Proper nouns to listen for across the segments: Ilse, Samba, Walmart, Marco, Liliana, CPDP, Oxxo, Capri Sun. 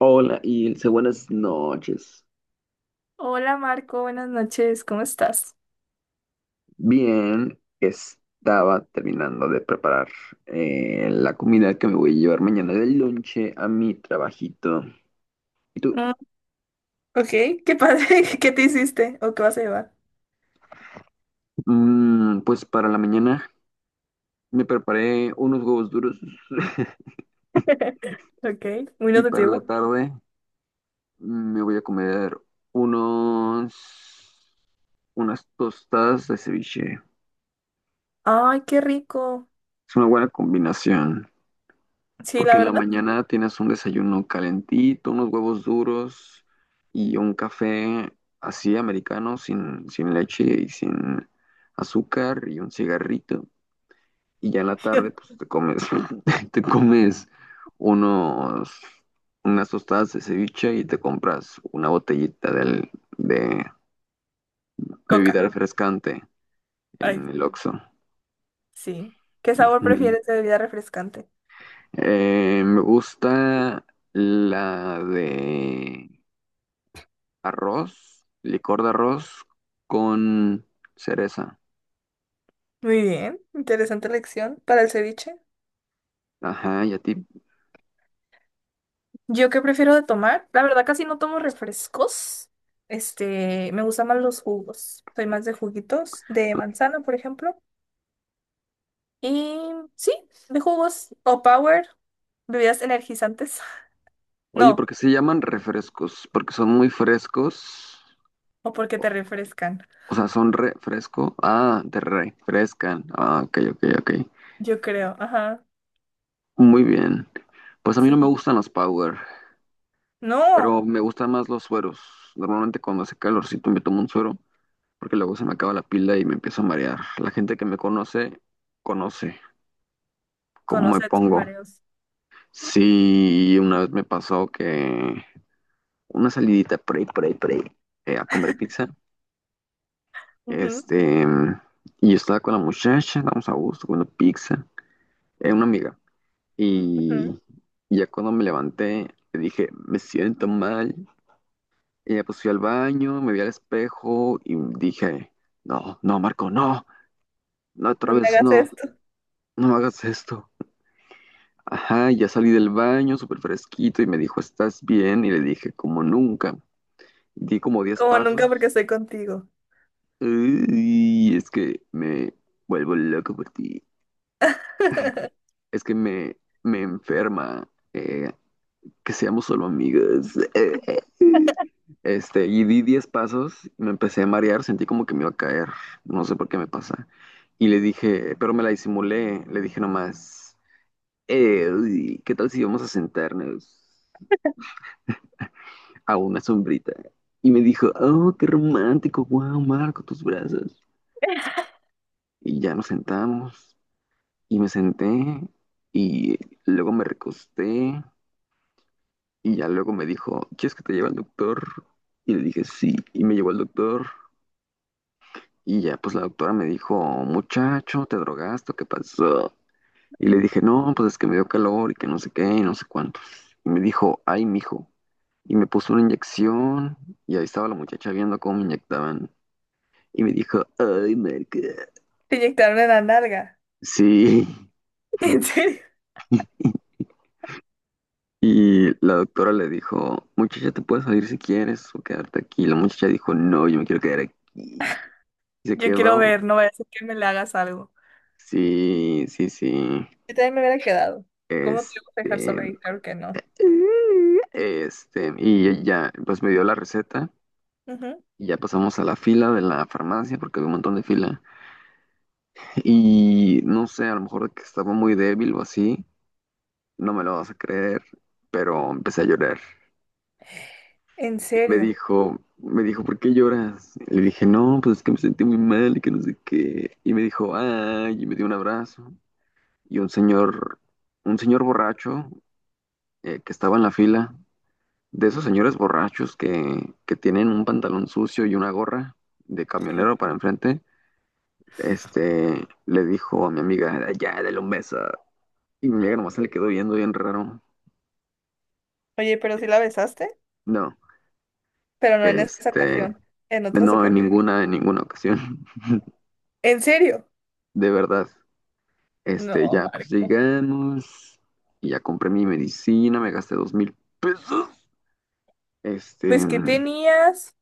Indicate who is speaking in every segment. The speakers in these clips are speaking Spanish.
Speaker 1: Hola, Ilse, buenas noches.
Speaker 2: Hola, Marco, buenas noches, ¿cómo estás?
Speaker 1: Bien, estaba terminando de preparar la comida que me voy a llevar mañana del lonche a mi trabajito. ¿Y tú?
Speaker 2: Mm, ok, qué padre, ¿qué te hiciste o qué vas a llevar?
Speaker 1: Mm, pues para la mañana me preparé unos huevos duros
Speaker 2: Ok, muy
Speaker 1: y para la
Speaker 2: nutritivo.
Speaker 1: tarde me voy a comer unos, unas tostadas de ceviche.
Speaker 2: Ay, qué rico.
Speaker 1: Es una buena combinación.
Speaker 2: Sí, la
Speaker 1: Porque en la
Speaker 2: verdad.
Speaker 1: mañana tienes un desayuno calentito, unos huevos duros y un café así americano, sin leche y sin azúcar y un cigarrito. Y ya en la tarde, pues te comes, te comes unos, unas tostadas de ceviche y te compras una botellita de
Speaker 2: Coca.
Speaker 1: bebida refrescante
Speaker 2: Ay,
Speaker 1: en el Oxxo.
Speaker 2: sí. ¿Qué sabor
Speaker 1: Mm.
Speaker 2: prefieres de bebida refrescante?
Speaker 1: Me gusta la de arroz, licor de arroz con cereza.
Speaker 2: Muy bien, interesante elección para el ceviche.
Speaker 1: Ajá, ¿y a ti?
Speaker 2: ¿Yo qué prefiero de tomar? La verdad casi no tomo refrescos. Este, me gustan más los jugos. Soy más de juguitos, de manzana, por ejemplo. Y sí, de jugos o power. ¿Bebidas energizantes?
Speaker 1: Oye,
Speaker 2: No,
Speaker 1: ¿porque se llaman refrescos? Porque son muy frescos.
Speaker 2: o porque te
Speaker 1: O,
Speaker 2: refrescan,
Speaker 1: o sea, son refresco. Ah, te refrescan. Ah, ok, ok, ok.
Speaker 2: yo creo, ajá,
Speaker 1: Muy bien. Pues a mí no me
Speaker 2: sí.
Speaker 1: gustan los power,
Speaker 2: No,
Speaker 1: pero me gustan más los sueros. Normalmente cuando hace calorcito me tomo un suero, porque luego se me acaba la pila y me empiezo a marear. La gente que me conoce, conoce cómo me
Speaker 2: conoce a tus
Speaker 1: pongo.
Speaker 2: mareos.
Speaker 1: Sí, una vez me pasó que una salidita por ahí, por ahí, por ahí, a comer pizza.
Speaker 2: Ujú,
Speaker 1: Este, y yo estaba con la muchacha, estábamos a gusto comiendo pizza, una amiga.
Speaker 2: ujú.
Speaker 1: Y, ya cuando me levanté, le dije, me siento mal. Y ya pues fui al baño, me vi al espejo y dije, no, no, Marco, no, no, otra
Speaker 2: No me
Speaker 1: vez
Speaker 2: hagas
Speaker 1: no,
Speaker 2: esto.
Speaker 1: no hagas esto. Ajá, ya salí del baño súper fresquito y me dijo, ¿estás bien? Y le dije, como nunca. Di como 10
Speaker 2: Como nunca porque
Speaker 1: pasos.
Speaker 2: estoy contigo.
Speaker 1: Y es que me vuelvo loco por ti. Es que me enferma que seamos solo amigos. Este, y di 10 pasos, me empecé a marear, sentí como que me iba a caer. No sé por qué me pasa. Y le dije, pero me la disimulé. Le dije nomás, uy, ¿qué tal si vamos a sentarnos a una sombrita? Y me dijo, oh, qué romántico, wow, Marco, tus brazos. Y ya nos sentamos. Y me senté y luego me recosté y ya luego me dijo, ¿quieres que te lleve al doctor? Y le dije, sí, y me llevó al doctor y ya pues la doctora me dijo, muchacho, ¿te drogaste? O ¿qué pasó? Y le dije, no, pues es que me dio calor y que no sé qué y no sé cuántos. Y me dijo, ay, mijo. Y me puso una inyección y ahí estaba la muchacha viendo cómo me inyectaban. Y me dijo, ay, merca.
Speaker 2: Te inyectaron en la nalga.
Speaker 1: Sí.
Speaker 2: ¿En serio?
Speaker 1: Y la doctora le dijo, muchacha, te puedes salir si quieres o quedarte aquí. La muchacha dijo, no, yo me quiero quedar aquí. Y se
Speaker 2: Yo quiero
Speaker 1: quedó.
Speaker 2: ver, no vaya a ser que me le hagas algo.
Speaker 1: Sí, sí, sí.
Speaker 2: Yo también me hubiera quedado. ¿Cómo te iba a dejar
Speaker 1: Este,
Speaker 2: solo ahí? Claro que no.
Speaker 1: y ya, pues me dio la receta.
Speaker 2: Ujú.
Speaker 1: Y ya pasamos a la fila de la farmacia porque había un montón de fila. Y no sé, a lo mejor que estaba muy débil o así, no me lo vas a creer, pero empecé a llorar.
Speaker 2: ¿En
Speaker 1: Y
Speaker 2: serio?
Speaker 1: me dijo, ¿por qué lloras? Y le dije, no, pues es que me sentí muy mal y que no sé qué. Y me dijo, ay, y me dio un abrazo. Y un señor, un señor borracho que estaba en la fila, de esos señores borrachos que tienen un pantalón sucio y una gorra de
Speaker 2: Sí.
Speaker 1: camionero para enfrente, le dijo a mi amiga, ya, dale un beso. Y mi amiga nomás se le quedó viendo bien raro.
Speaker 2: Oye, pero sí la besaste,
Speaker 1: No,
Speaker 2: pero no en esa
Speaker 1: este,
Speaker 2: ocasión, en otras
Speaker 1: no,
Speaker 2: ocasiones.
Speaker 1: en ninguna ocasión,
Speaker 2: ¿En serio?
Speaker 1: de verdad.
Speaker 2: No,
Speaker 1: Ya, pues
Speaker 2: Marco.
Speaker 1: llegamos y ya compré mi medicina, me gasté 2.000 pesos. Este,
Speaker 2: Pues que tenías,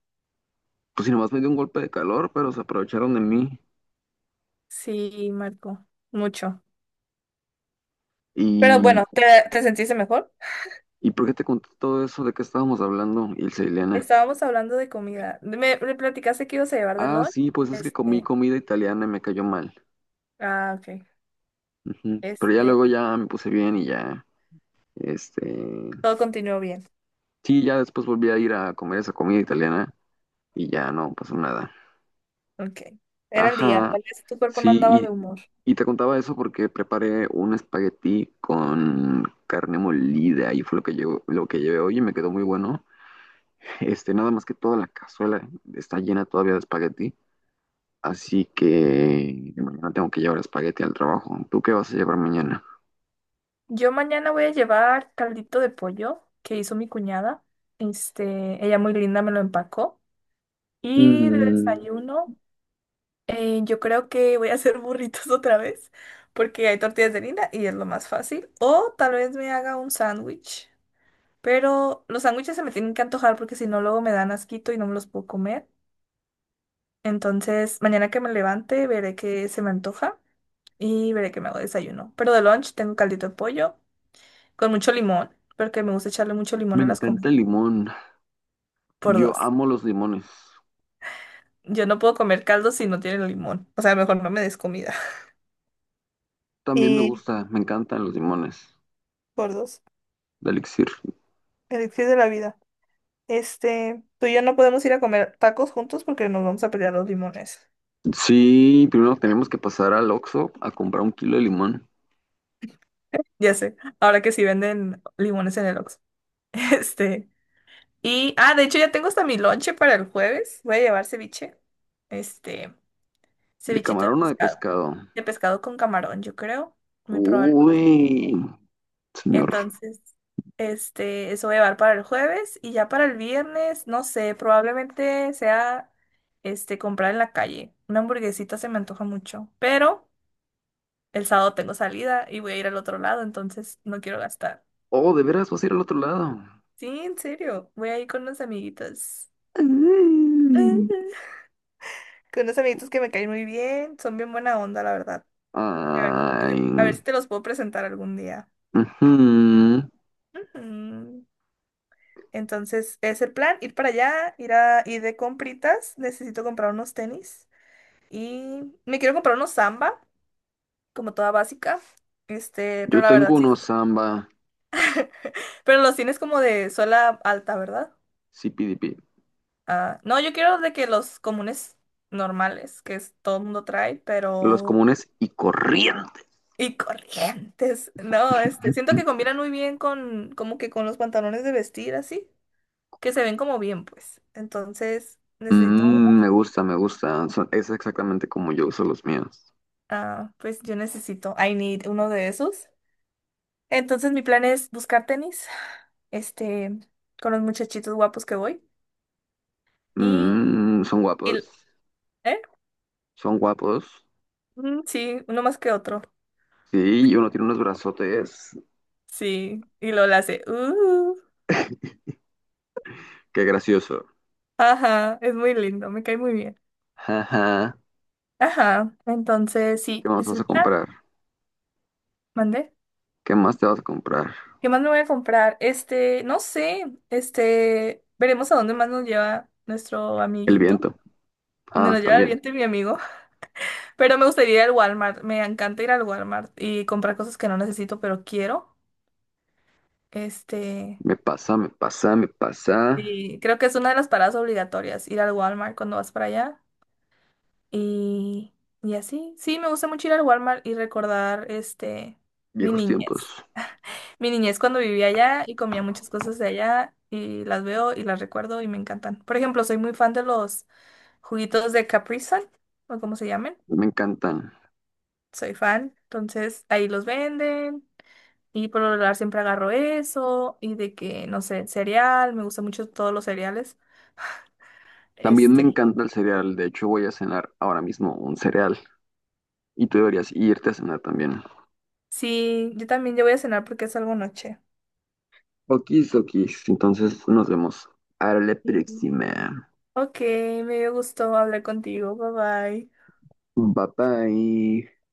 Speaker 1: pues si nomás me dio un golpe de calor, pero se aprovecharon de mí.
Speaker 2: sí, Marco, mucho. Pero
Speaker 1: ¿Y,
Speaker 2: bueno, ¿te sentiste mejor?
Speaker 1: ¿y por qué te conté todo eso? ¿De qué estábamos hablando, Ilse y Liliana?
Speaker 2: Estábamos hablando de comida. Me platicaste que ibas a llevar de
Speaker 1: Ah,
Speaker 2: lunch.
Speaker 1: sí, pues es que comí
Speaker 2: Este,
Speaker 1: comida italiana y me cayó mal.
Speaker 2: ah, ok.
Speaker 1: Ujú. Pero ya
Speaker 2: Este,
Speaker 1: luego ya me puse bien y ya, este,
Speaker 2: todo continuó bien.
Speaker 1: sí, ya después volví a ir a comer esa comida italiana y ya no pasó nada.
Speaker 2: Ok. Era el día.
Speaker 1: Ajá,
Speaker 2: Tal vez tu cuerpo no andaba
Speaker 1: sí,
Speaker 2: de humor.
Speaker 1: y te contaba eso porque preparé un espagueti con carne molida y fue lo que llevo, lo que llevé hoy y me quedó muy bueno. Este, nada más que toda la cazuela está llena todavía de espagueti, así que mañana tengo que llevar espagueti al trabajo. ¿Tú qué vas a llevar mañana?
Speaker 2: Yo mañana voy a llevar caldito de pollo que hizo mi cuñada. Este, ella muy linda me lo empacó. Y de
Speaker 1: Mm,
Speaker 2: desayuno. Yo creo que voy a hacer burritos otra vez, porque hay tortillas de harina y es lo más fácil. O tal vez me haga un sándwich, pero los sándwiches se me tienen que antojar porque si no luego me dan asquito y no me los puedo comer. Entonces, mañana que me levante veré que se me antoja y veré que me hago desayuno. Pero de lunch tengo caldito de pollo con mucho limón, porque me gusta echarle mucho limón
Speaker 1: me
Speaker 2: a las comidas
Speaker 1: encanta el limón.
Speaker 2: por
Speaker 1: Yo
Speaker 2: dos.
Speaker 1: amo los limones.
Speaker 2: Yo no puedo comer caldo si no tiene limón. O sea, mejor no me des comida.
Speaker 1: También
Speaker 2: Y
Speaker 1: me encantan los limones
Speaker 2: por dos,
Speaker 1: de elixir.
Speaker 2: elixir de la vida. Este, tú y yo no podemos ir a comer tacos juntos porque nos vamos a pelear los limones.
Speaker 1: Sí, primero tenemos que pasar al Oxxo a comprar un kilo de limón,
Speaker 2: Ya sé, ahora que sí venden limones en el Oxxo. Este, y, de hecho ya tengo hasta mi lonche para el jueves. Voy a llevar ceviche, este,
Speaker 1: de
Speaker 2: cevichito
Speaker 1: camarón o de pescado.
Speaker 2: de pescado con camarón, yo creo, muy probable.
Speaker 1: Uy, señor.
Speaker 2: Entonces, este, eso voy a llevar para el jueves y ya para el viernes, no sé, probablemente sea, este, comprar en la calle. Una hamburguesita se me antoja mucho, pero el sábado tengo salida y voy a ir al otro lado, entonces no quiero gastar.
Speaker 1: Oh, de veras vas a ir al otro lado.
Speaker 2: Sí, en serio, voy a ir con unos amiguitos.
Speaker 1: Ay.
Speaker 2: Con unos amiguitos que me caen muy bien, son bien buena onda, la verdad. A ver, si
Speaker 1: Ay.
Speaker 2: te a ver si te los puedo presentar algún día.
Speaker 1: Ujú.
Speaker 2: Ujú. Entonces, es el plan, ir para allá, ir de compritas, necesito comprar unos tenis y me quiero comprar unos Samba, como toda básica. Este,
Speaker 1: Yo
Speaker 2: pero la
Speaker 1: tengo
Speaker 2: verdad sí, sí.
Speaker 1: unos samba,
Speaker 2: Pero los tienes como de suela alta, ¿verdad?
Speaker 1: sí CPDP,
Speaker 2: Ah, no, yo quiero de que los comunes normales, todo el mundo trae,
Speaker 1: los
Speaker 2: pero
Speaker 1: comunes y corriente.
Speaker 2: y corrientes. No, este, siento que combinan muy bien con, como que con los pantalones de vestir, así, que se ven como bien, pues. Entonces, necesito,
Speaker 1: Me gusta. Es exactamente como yo uso los míos.
Speaker 2: pues yo necesito, I need uno de esos. Entonces, mi plan es buscar tenis, este, con los muchachitos guapos que voy. Y,
Speaker 1: Mm, son
Speaker 2: y-
Speaker 1: guapos,
Speaker 2: ¿eh?
Speaker 1: son guapos.
Speaker 2: Mm, sí, uno más que otro.
Speaker 1: Sí, y uno tiene unos brazotes.
Speaker 2: Sí, y lo hace.
Speaker 1: Qué gracioso.
Speaker 2: Ajá, es muy lindo, me cae muy bien.
Speaker 1: Jaja.
Speaker 2: Ajá, entonces sí,
Speaker 1: ¿Qué más
Speaker 2: es
Speaker 1: vas
Speaker 2: el
Speaker 1: a
Speaker 2: plan,
Speaker 1: comprar?
Speaker 2: mandé.
Speaker 1: ¿Qué más te vas a comprar?
Speaker 2: ¿Qué más me voy a comprar? Este, no sé, este, veremos a dónde más nos lleva nuestro
Speaker 1: El
Speaker 2: amiguito.
Speaker 1: viento.
Speaker 2: Donde
Speaker 1: Ah,
Speaker 2: nos lleva el
Speaker 1: también.
Speaker 2: viento y mi amigo. Pero me gustaría ir al Walmart, me encanta ir al Walmart y comprar cosas que no necesito, pero quiero. Este,
Speaker 1: Me pasa, me pasa, me pasa.
Speaker 2: y creo que es una de las paradas obligatorias, ir al Walmart cuando vas para allá. Y, y así, sí, me gusta mucho ir al Walmart y recordar, este, mi
Speaker 1: Viejos
Speaker 2: niñez.
Speaker 1: tiempos.
Speaker 2: Mi niñez cuando vivía allá y comía muchas cosas de allá y las veo y las recuerdo y me encantan. Por ejemplo, soy muy fan de los juguitos de Capri Sun o como se llamen.
Speaker 1: Me encantan.
Speaker 2: Soy fan, entonces ahí los venden y por lo regular siempre agarro eso y de que, no sé, cereal, me gustan mucho todos los cereales.
Speaker 1: También me
Speaker 2: Este,
Speaker 1: encanta el cereal. De hecho, voy a cenar ahora mismo un cereal. Y tú deberías irte a cenar también.
Speaker 2: sí, yo también ya voy a cenar porque es algo noche.
Speaker 1: Okis, okis. Entonces nos vemos. A la
Speaker 2: Sí.
Speaker 1: próxima.
Speaker 2: Ok, me gustó hablar contigo. Bye bye.
Speaker 1: Bye bye.